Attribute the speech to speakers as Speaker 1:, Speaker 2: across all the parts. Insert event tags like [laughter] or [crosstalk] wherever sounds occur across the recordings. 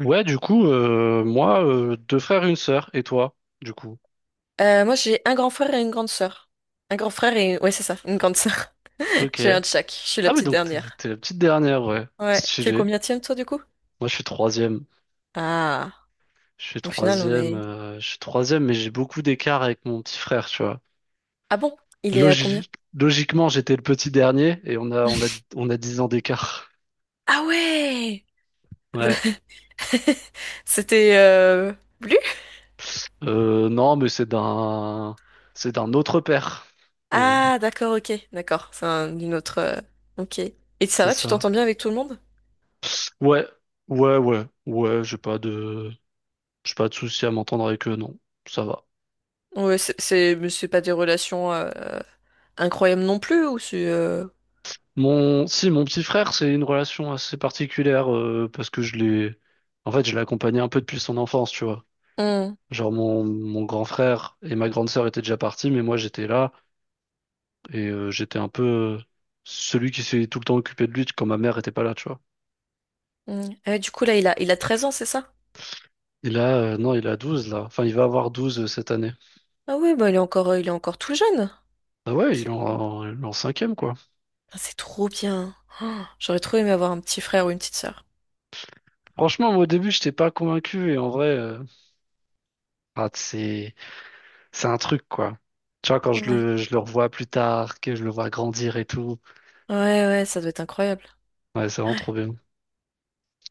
Speaker 1: Ouais, du coup, moi, deux frères et une sœur, et toi, du coup.
Speaker 2: Moi, j'ai un grand frère et une grande sœur. Un grand frère et ouais, c'est ça, une grande sœur. [laughs]
Speaker 1: Ok.
Speaker 2: J'ai un de chaque. Je suis la
Speaker 1: Ah oui,
Speaker 2: petite
Speaker 1: donc t'es,
Speaker 2: dernière.
Speaker 1: t'es la petite dernière, ouais.
Speaker 2: Ouais. T'es le
Speaker 1: Stylé.
Speaker 2: combienième, toi, du coup?
Speaker 1: Moi, je suis troisième.
Speaker 2: Ah.
Speaker 1: Je suis
Speaker 2: Au final, on
Speaker 1: troisième,
Speaker 2: est...
Speaker 1: euh, je suis troisième, mais j'ai beaucoup d'écart avec mon petit frère, tu vois.
Speaker 2: Ah bon? Il est à combien?
Speaker 1: Logi- Logiquement, j'étais le petit dernier, et on a 10 ans d'écart. [laughs]
Speaker 2: Ah ouais!
Speaker 1: Ouais.
Speaker 2: [laughs] C'était... Bleu?
Speaker 1: Non, mais c'est d'un autre père. Voilà,
Speaker 2: Ah, d'accord, ok. D'accord. Une autre, ok. Et ça
Speaker 1: c'est
Speaker 2: va, tu
Speaker 1: ça.
Speaker 2: t'entends bien avec tout le monde?
Speaker 1: Ouais, ouais, ouais, ouais, j'ai pas de souci à m'entendre avec eux, non. Ça va.
Speaker 2: Ouais, mais c'est pas des relations incroyables non plus, ou c'est...
Speaker 1: Si, mon petit frère, c'est une relation assez particulière parce que en fait, je l'ai accompagné un peu depuis son enfance, tu vois.
Speaker 2: Hum,
Speaker 1: Genre mon grand frère et ma grande sœur étaient déjà partis, mais moi j'étais là et j'étais un peu euh, celui qui s'est tout le temps occupé de lui quand ma mère était pas là, tu vois.
Speaker 2: hum. Ah ouais, du coup, là, il a 13 ans, c'est ça?
Speaker 1: Et là, non, il a 12 là. Enfin, il va avoir 12 cette année.
Speaker 2: Ah ouais, bah il est encore tout jeune.
Speaker 1: Ah ouais, il est
Speaker 2: Ok.
Speaker 1: en, il est en cinquième quoi.
Speaker 2: Ah, c'est trop bien. Oh, j'aurais trop aimé avoir un petit frère ou une petite sœur.
Speaker 1: Franchement, moi au début, j'étais pas convaincu et en vrai, ah, c'est un truc quoi. Tu vois, quand je
Speaker 2: Ouais.
Speaker 1: le, je le revois plus tard, que je le vois grandir et tout.
Speaker 2: Ouais, ouais, ça doit être incroyable.
Speaker 1: Ouais, c'est vraiment trop bien.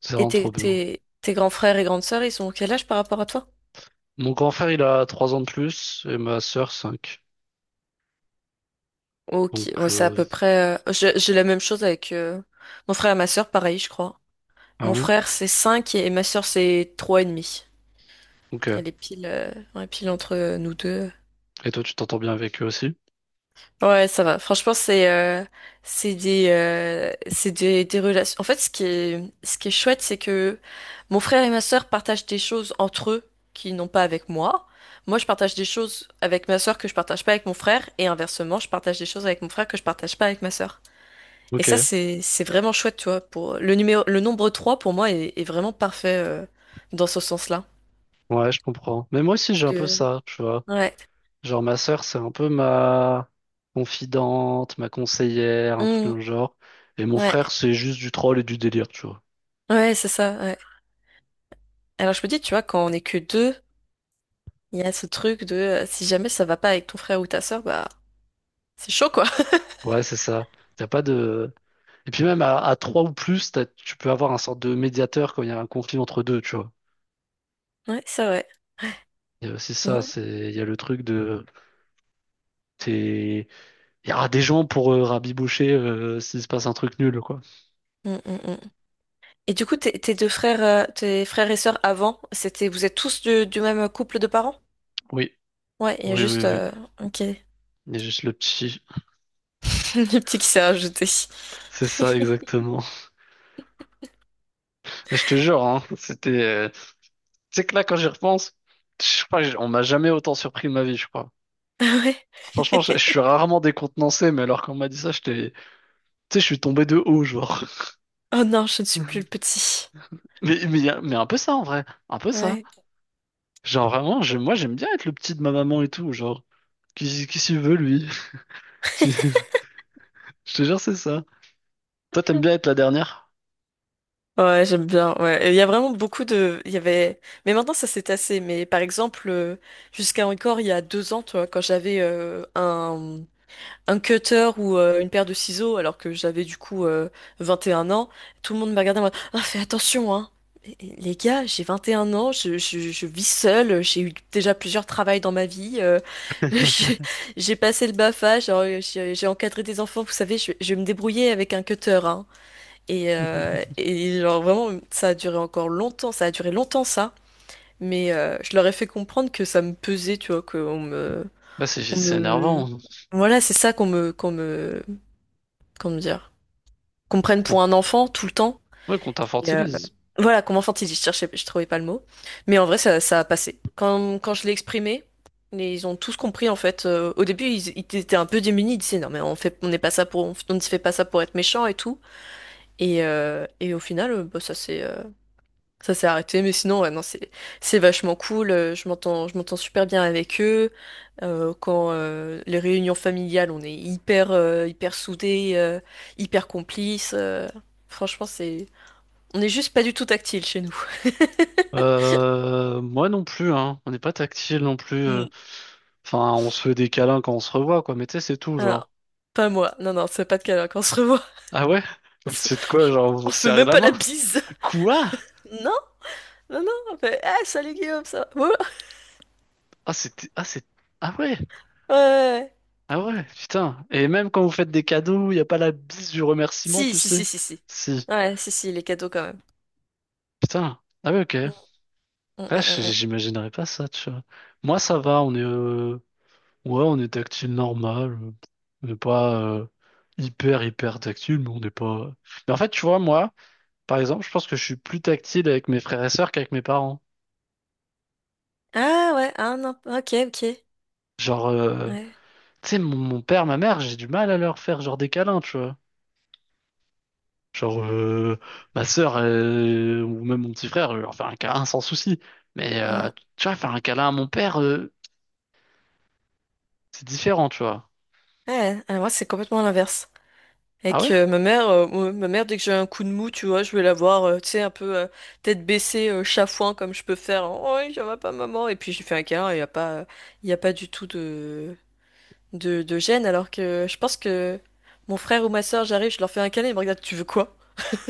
Speaker 1: C'est
Speaker 2: Et
Speaker 1: vraiment trop
Speaker 2: tes,
Speaker 1: bien.
Speaker 2: tes, tes grands frères et grandes sœurs, ils sont quel âge par rapport à toi?
Speaker 1: Mon grand frère, il a 3 ans de plus et ma sœur cinq. Donc,
Speaker 2: Ok, ouais, c'est à peu près. J'ai la même chose avec mon frère et ma sœur, pareil, je crois.
Speaker 1: ah
Speaker 2: Mon
Speaker 1: ouais?
Speaker 2: frère, c'est 5 et ma sœur, c'est trois et demi.
Speaker 1: Ok.
Speaker 2: Elle est pile, ouais, pile entre nous deux.
Speaker 1: Et toi, tu t'entends bien avec eux aussi?
Speaker 2: Ouais, ça va. Franchement, c'est des relations. En fait, ce qui est chouette, c'est que mon frère et ma sœur partagent des choses entre eux qu'ils n'ont pas avec moi. Moi, je partage des choses avec ma sœur que je partage pas avec mon frère, et inversement, je partage des choses avec mon frère que je partage pas avec ma sœur. Et ça,
Speaker 1: Ok.
Speaker 2: c'est vraiment chouette, tu vois. Pour le nombre 3 pour moi est vraiment parfait dans ce sens-là.
Speaker 1: Ouais, je comprends. Mais moi aussi,
Speaker 2: Parce
Speaker 1: j'ai un peu
Speaker 2: que
Speaker 1: ça, tu vois.
Speaker 2: ouais.
Speaker 1: Genre, ma sœur, c'est un peu ma confidente, ma conseillère, un truc
Speaker 2: Hum,
Speaker 1: dans le genre. Et mon
Speaker 2: ouais,
Speaker 1: frère, c'est juste du troll et du délire, tu vois.
Speaker 2: ouais, c'est ça. Ouais. Alors je me dis, tu vois, quand on est que deux. Il y a ce truc de si jamais ça va pas avec ton frère ou ta sœur, bah c'est chaud quoi. [laughs]
Speaker 1: Ouais, c'est ça. T'as pas de. Et puis même à 3 ou plus, tu peux avoir un sorte de médiateur quand il y a un conflit entre deux, tu vois.
Speaker 2: Ouais, c'est vrai.
Speaker 1: Il y a aussi ça,
Speaker 2: Ouais.
Speaker 1: il y a le truc de. C'est. Il y aura des gens pour rabiboucher s'il se passe un truc nul, quoi.
Speaker 2: Mm, mm, mm. Et du coup, tes frères et sœurs avant, c'était vous êtes tous du même couple de parents?
Speaker 1: Oui,
Speaker 2: Ouais, il y a
Speaker 1: oui, oui,
Speaker 2: juste
Speaker 1: oui.
Speaker 2: ok, [laughs]
Speaker 1: Il y a juste le petit.
Speaker 2: le petit qui s'est rajouté.
Speaker 1: [laughs] C'est ça,
Speaker 2: [laughs]
Speaker 1: exactement. [laughs] Je te jure, hein, c'était. Tu sais que là, quand j'y repense, je crois que on m'a jamais autant surpris de ma vie, je crois.
Speaker 2: Ah ouais.
Speaker 1: Franchement, je suis
Speaker 2: [laughs]
Speaker 1: rarement décontenancé, mais alors qu'on m'a dit ça, j'étais. Tu sais, je suis tombé de haut, genre.
Speaker 2: Oh non, je ne suis plus le
Speaker 1: [laughs]
Speaker 2: petit.
Speaker 1: Mais un peu ça, en vrai. Un peu ça.
Speaker 2: Ouais.
Speaker 1: Genre, vraiment, moi, j'aime bien être le petit de ma maman et tout, genre. Qui s'y veut, lui? [laughs] Je
Speaker 2: [laughs]
Speaker 1: te jure, c'est ça. Toi, t'aimes bien être la dernière?
Speaker 2: Ouais, j'aime bien. Ouais. Et il y a vraiment beaucoup de. Il y avait. Mais maintenant, ça s'est tassé. Mais par exemple, jusqu'à encore il y a 2 ans, tu vois, quand j'avais un cutter ou une paire de ciseaux alors que j'avais du coup 21 ans, tout le monde me regardait en mode «Ah, fais attention, hein!» Mais, les gars, j'ai 21 ans, je vis seule, j'ai eu déjà plusieurs travails dans ma vie, [laughs] je- j'ai passé le BAFA, genre, j'ai encadré des enfants, vous savez, je vais me débrouiller avec un cutter, hein. Et genre vraiment, ça a duré encore longtemps, ça a duré longtemps ça, mais je leur ai fait comprendre que ça me pesait, tu vois, qu'on me,
Speaker 1: Bah, c'est
Speaker 2: on
Speaker 1: c'est
Speaker 2: me,
Speaker 1: énervant.
Speaker 2: voilà, c'est ça comment dire, qu'on me prenne
Speaker 1: Bon.
Speaker 2: pour un enfant tout le temps.
Speaker 1: Ouais, qu'on
Speaker 2: Et, euh,
Speaker 1: t'infortilise.
Speaker 2: voilà, comme enfantiliste, je cherchais, je trouvais pas le mot. Mais en vrai, ça a passé. Quand je l'ai exprimé, ils ont tous compris en fait. Au début, ils étaient un peu démunis. Ils disaient non, mais on fait, on n'est pas ça pour, on ne se fait pas ça pour être méchant et tout. Et au final, bah, ça s'est arrêté. Mais sinon, ouais, non, c'est vachement cool. Je m'entends super bien avec eux. Quand les réunions familiales, on est hyper soudés, hyper complices. Franchement, on n'est juste pas du tout tactile chez nous.
Speaker 1: Moi non plus, hein. On n'est pas tactile non plus.
Speaker 2: Mm.
Speaker 1: Enfin, on se fait des câlins quand on se revoit, quoi. Mais tu sais, c'est tout,
Speaker 2: Ah,
Speaker 1: genre.
Speaker 2: pas moi. Non, non, c'est pas de câlin quand on se revoit.
Speaker 1: Ah ouais?
Speaker 2: [laughs]
Speaker 1: [laughs]
Speaker 2: On
Speaker 1: Mais
Speaker 2: je-
Speaker 1: c'est de quoi, genre, vous vous
Speaker 2: on fait
Speaker 1: serrez
Speaker 2: même
Speaker 1: la
Speaker 2: pas la
Speaker 1: main?
Speaker 2: bise.
Speaker 1: Quoi?
Speaker 2: Non, non, non. On fait, ah, salut Guillaume, ça va. Ouais,
Speaker 1: Ah, ah, ah ouais,
Speaker 2: ouais, ouais, ouais.
Speaker 1: ah ouais, putain. Et même quand vous faites des cadeaux, il n'y a pas la bise du remerciement,
Speaker 2: Si,
Speaker 1: tu
Speaker 2: si, si,
Speaker 1: sais.
Speaker 2: si, si.
Speaker 1: Si,
Speaker 2: Ouais, si, si, les cadeaux quand même.
Speaker 1: putain. Ah ouais, ok.
Speaker 2: Mm, mm,
Speaker 1: Ouais,
Speaker 2: mm, mm.
Speaker 1: j'imaginerais pas ça, tu vois. Moi, ça va, ouais, on est tactile normal. On n'est pas hyper, hyper tactile, mais on n'est pas. Mais en fait, tu vois, moi, par exemple, je pense que je suis plus tactile avec mes frères et sœurs qu'avec mes parents.
Speaker 2: Ah ouais, ah non, ok, ok.
Speaker 1: Genre,
Speaker 2: Ouais.
Speaker 1: tu sais, mon père, ma mère, j'ai du mal à leur faire genre des câlins, tu vois. Genre, ma sœur ou même mon petit frère, je leur fais un câlin sans souci. Mais
Speaker 2: Mm.
Speaker 1: tu vois, faire un câlin à mon père, c'est différent, tu vois.
Speaker 2: Ouais, ah, moi c'est complètement l'inverse.
Speaker 1: Ah
Speaker 2: Avec
Speaker 1: ouais?
Speaker 2: ma mère, dès que j'ai un coup de mou, tu vois, je vais la voir, tu sais, un peu tête baissée, chafouin, comme je peux faire. Oh, ça va pas, maman. Et puis j'ai fait un câlin, il y a pas du tout de gêne. Alors que je pense que mon frère ou ma soeur, j'arrive, je leur fais un câlin, ils me regardent, tu veux quoi?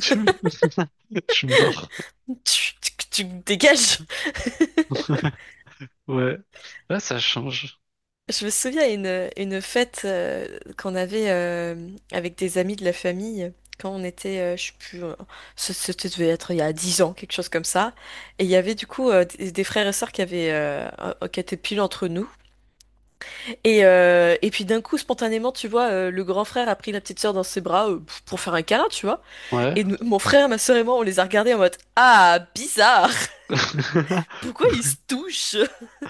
Speaker 1: [laughs] Je suis mort.
Speaker 2: [laughs] Tu me dégages!
Speaker 1: [laughs] Ouais. Ouais, ça change.
Speaker 2: Je me souviens une fête qu'on avait avec des amis de la famille quand on était, je sais plus, c'était devait être il y a 10 ans, quelque chose comme ça. Et il y avait du coup des frères et sœurs qui étaient pile entre nous. Et puis d'un coup, spontanément, tu vois, le grand frère a pris la petite sœur dans ses bras pour faire un câlin, tu vois.
Speaker 1: Ouais.
Speaker 2: Mon frère, ma sœur et moi, on les a regardés en mode, ah, bizarre!
Speaker 1: [laughs]
Speaker 2: Pourquoi ils se touchent?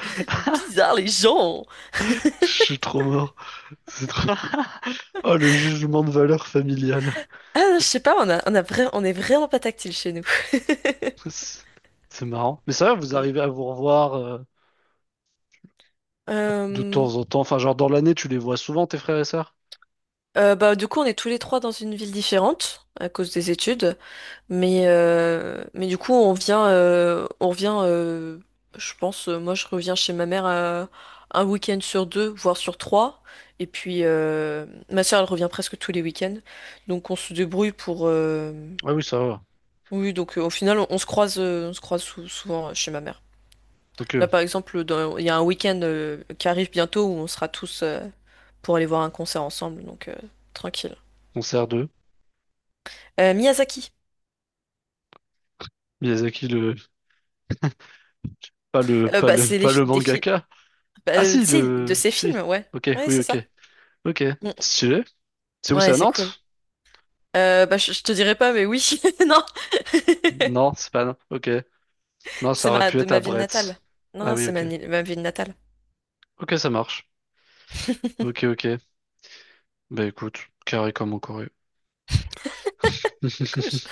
Speaker 2: [laughs] Bizarre les gens!
Speaker 1: Je suis trop mort. C'est trop. Oh, le jugement de valeur familiale.
Speaker 2: Ah, non, je sais pas, on est vraiment pas tactile chez nous. [laughs]
Speaker 1: C'est c'est marrant. Mais ça, va, vous
Speaker 2: Mm.
Speaker 1: arrivez à vous revoir de
Speaker 2: Euh,
Speaker 1: temps en temps. Enfin, genre dans l'année, tu les vois souvent, tes frères et sœurs?
Speaker 2: Bah, du coup, on est tous les trois dans une ville différente à cause des études, mais du coup, on revient, je pense, moi je reviens chez ma mère un week-end sur deux, voire sur trois, et puis ma soeur elle revient presque tous les week-ends, donc on se débrouille pour.
Speaker 1: Ah oui, ça va.
Speaker 2: Oui, donc au final, on se croise souvent chez ma mère.
Speaker 1: Ok,
Speaker 2: Là, par exemple, il y a un week-end qui arrive bientôt où on sera tous pour aller voir un concert ensemble, donc tranquille.
Speaker 1: on sert d'eux.
Speaker 2: Miyazaki.
Speaker 1: Miyazaki, le. Pas le. Pas
Speaker 2: Bah,
Speaker 1: le. Pas le
Speaker 2: des films,
Speaker 1: mangaka.
Speaker 2: bah,
Speaker 1: Ah
Speaker 2: tu
Speaker 1: si,
Speaker 2: sais, de
Speaker 1: le.
Speaker 2: ses films,
Speaker 1: Si.
Speaker 2: ouais.
Speaker 1: Ok,
Speaker 2: Ouais,
Speaker 1: oui,
Speaker 2: c'est
Speaker 1: ok.
Speaker 2: ça.
Speaker 1: Ok.
Speaker 2: Mm.
Speaker 1: Stylé. C'est
Speaker 2: Mm.
Speaker 1: où, c'est
Speaker 2: Ouais,
Speaker 1: à
Speaker 2: c'est cool.
Speaker 1: Nantes?
Speaker 2: Bah, je te dirai pas, mais oui, [laughs] non. [laughs]
Speaker 1: Non, c'est pas à Nantes. Ok. Non, ça aurait pu
Speaker 2: De
Speaker 1: être à
Speaker 2: ma ville natale.
Speaker 1: Brest.
Speaker 2: Non,
Speaker 1: Ah
Speaker 2: non,
Speaker 1: oui,
Speaker 2: c'est ma,
Speaker 1: ok.
Speaker 2: ni- ma ville natale.
Speaker 1: Ok, ça marche.
Speaker 2: [laughs]
Speaker 1: Ok, ok. Bah écoute, carré comme au Corée. [laughs]
Speaker 2: Couche.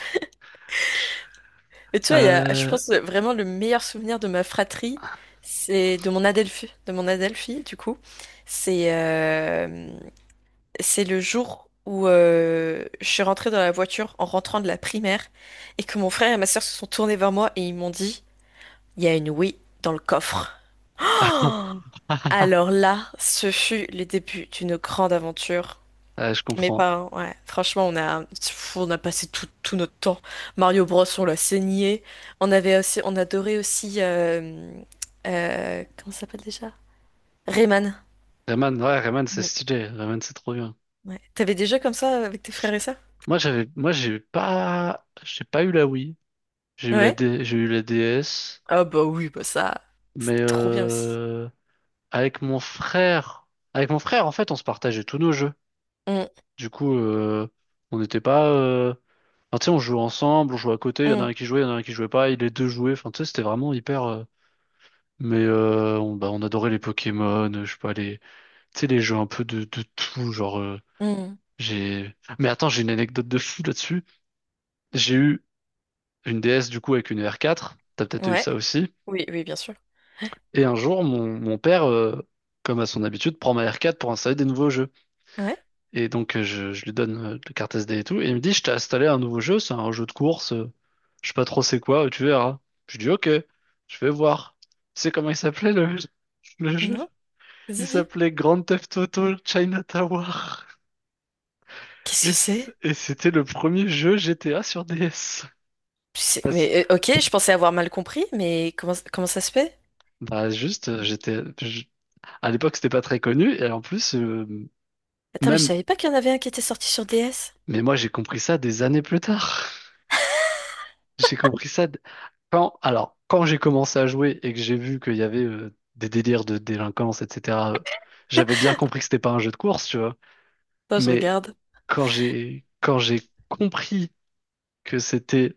Speaker 2: Et tu vois, je
Speaker 1: Euh,
Speaker 2: pense vraiment le meilleur souvenir de ma fratrie, c'est de mon Adelphi, du coup. C'est euh, c'est le jour où je suis rentrée dans la voiture en rentrant de la primaire et que mon frère et ma sœur se sont tournés vers moi et ils m'ont dit, il y a une Wii dans le coffre. Oh,
Speaker 1: [laughs]
Speaker 2: alors là, ce fut le début d'une grande aventure.
Speaker 1: ah, je
Speaker 2: Mes
Speaker 1: comprends.
Speaker 2: parents, ouais, franchement, on a passé tout notre temps. Mario Bros, on l'a saigné. On adorait aussi, comment ça s'appelle déjà? Rayman.
Speaker 1: Rayman, ouais, Rayman, c'est
Speaker 2: Mm.
Speaker 1: stylé. Rayman, c'est trop bien.
Speaker 2: Ouais. T'avais des jeux comme ça avec tes frères et sœurs?
Speaker 1: Moi, moi, j'ai pas eu la Wii. J'ai eu
Speaker 2: Ouais.
Speaker 1: J'ai eu la DS,
Speaker 2: Ah bah oui, bah ça,
Speaker 1: mais
Speaker 2: c'est trop bien aussi.
Speaker 1: avec mon frère, avec mon frère, en fait, on se partageait tous nos jeux.
Speaker 2: Mm,
Speaker 1: Du coup, on n'était pas, enfin, tu sais, on jouait ensemble, on jouait à côté. Il y en a un
Speaker 2: mm,
Speaker 1: qui jouait, il y en a un qui jouait pas. Et les deux jouaient. Enfin, tu sais, c'était vraiment hyper. Mais bah, on adorait les Pokémon, je sais pas tu sais, les jeux un peu de tout, genre.
Speaker 2: mm.
Speaker 1: J'ai. Mais attends, j'ai une anecdote de fou là-dessus. J'ai eu une DS du coup avec une R4, t'as peut-être eu
Speaker 2: Ouais,
Speaker 1: ça aussi.
Speaker 2: oui, oui, bien sûr.
Speaker 1: Et un jour, mon père, comme à son habitude, prend ma R4 pour installer des nouveaux jeux.
Speaker 2: Ouais,
Speaker 1: Et donc je lui donne la carte SD et tout, et il me dit, je t'ai installé un nouveau jeu, c'est un jeu de course, je sais pas trop c'est quoi, tu verras. Je dis, ok, je vais voir. Tu sais comment il s'appelait le jeu?
Speaker 2: non,
Speaker 1: Il
Speaker 2: vas-y, dis.
Speaker 1: s'appelait Grand Theft Auto China Tower.
Speaker 2: Qu'est-ce que
Speaker 1: Et c-
Speaker 2: c'est?
Speaker 1: et c'était le premier jeu GTA sur DS.
Speaker 2: Mais ok, je pensais avoir mal compris, mais comment ça se fait?
Speaker 1: Bah juste, à l'époque c'était pas très connu et en plus
Speaker 2: Attends, mais je
Speaker 1: même
Speaker 2: savais pas qu'il y en avait un qui était sorti sur DS.
Speaker 1: mais moi j'ai compris ça des années plus tard. [laughs] J'ai compris ça quand j'ai commencé à jouer et que j'ai vu qu'il y avait des délires de délinquance etc. J'avais bien compris que c'était pas un jeu de course, tu vois.
Speaker 2: Attends, [laughs] je
Speaker 1: Mais
Speaker 2: regarde.
Speaker 1: quand j'ai compris que c'était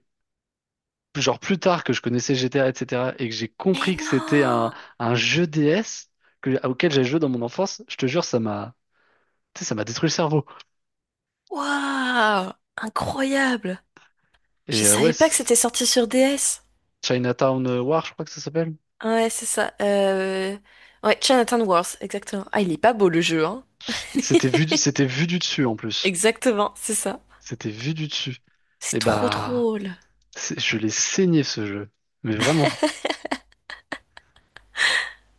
Speaker 1: genre plus tard que je connaissais GTA etc. et cetera et que j'ai
Speaker 2: Mais
Speaker 1: compris que c'était un
Speaker 2: non!
Speaker 1: un jeu DS que, auquel j'ai joué dans mon enfance, je te jure ça m'a tu sais, ça m'a détruit le cerveau.
Speaker 2: Waouh! Incroyable! Je
Speaker 1: Et ouais,
Speaker 2: savais pas que c'était sorti sur DS.
Speaker 1: Chinatown War, je crois que ça s'appelle.
Speaker 2: Ouais, c'est ça. Ouais, Jonathan Worth, exactement. Ah, il est pas beau le jeu, hein?
Speaker 1: C'était vu du dessus en plus.
Speaker 2: Exactement, c'est ça.
Speaker 1: C'était vu du dessus.
Speaker 2: C'est
Speaker 1: Et
Speaker 2: trop
Speaker 1: bah,
Speaker 2: drôle.
Speaker 1: je l'ai saigné ce jeu. Mais vraiment.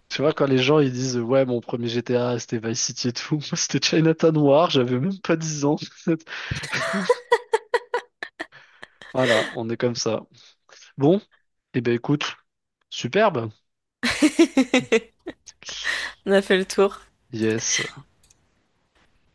Speaker 1: Tu vois, quand les gens ils disent ouais, mon premier GTA c'était Vice City et tout, [laughs] moi c'était Chinatown War, j'avais même pas 10 ans. [laughs] Voilà, on est comme ça. Bon, et ben écoute, superbe.
Speaker 2: On a fait le tour.
Speaker 1: Yes.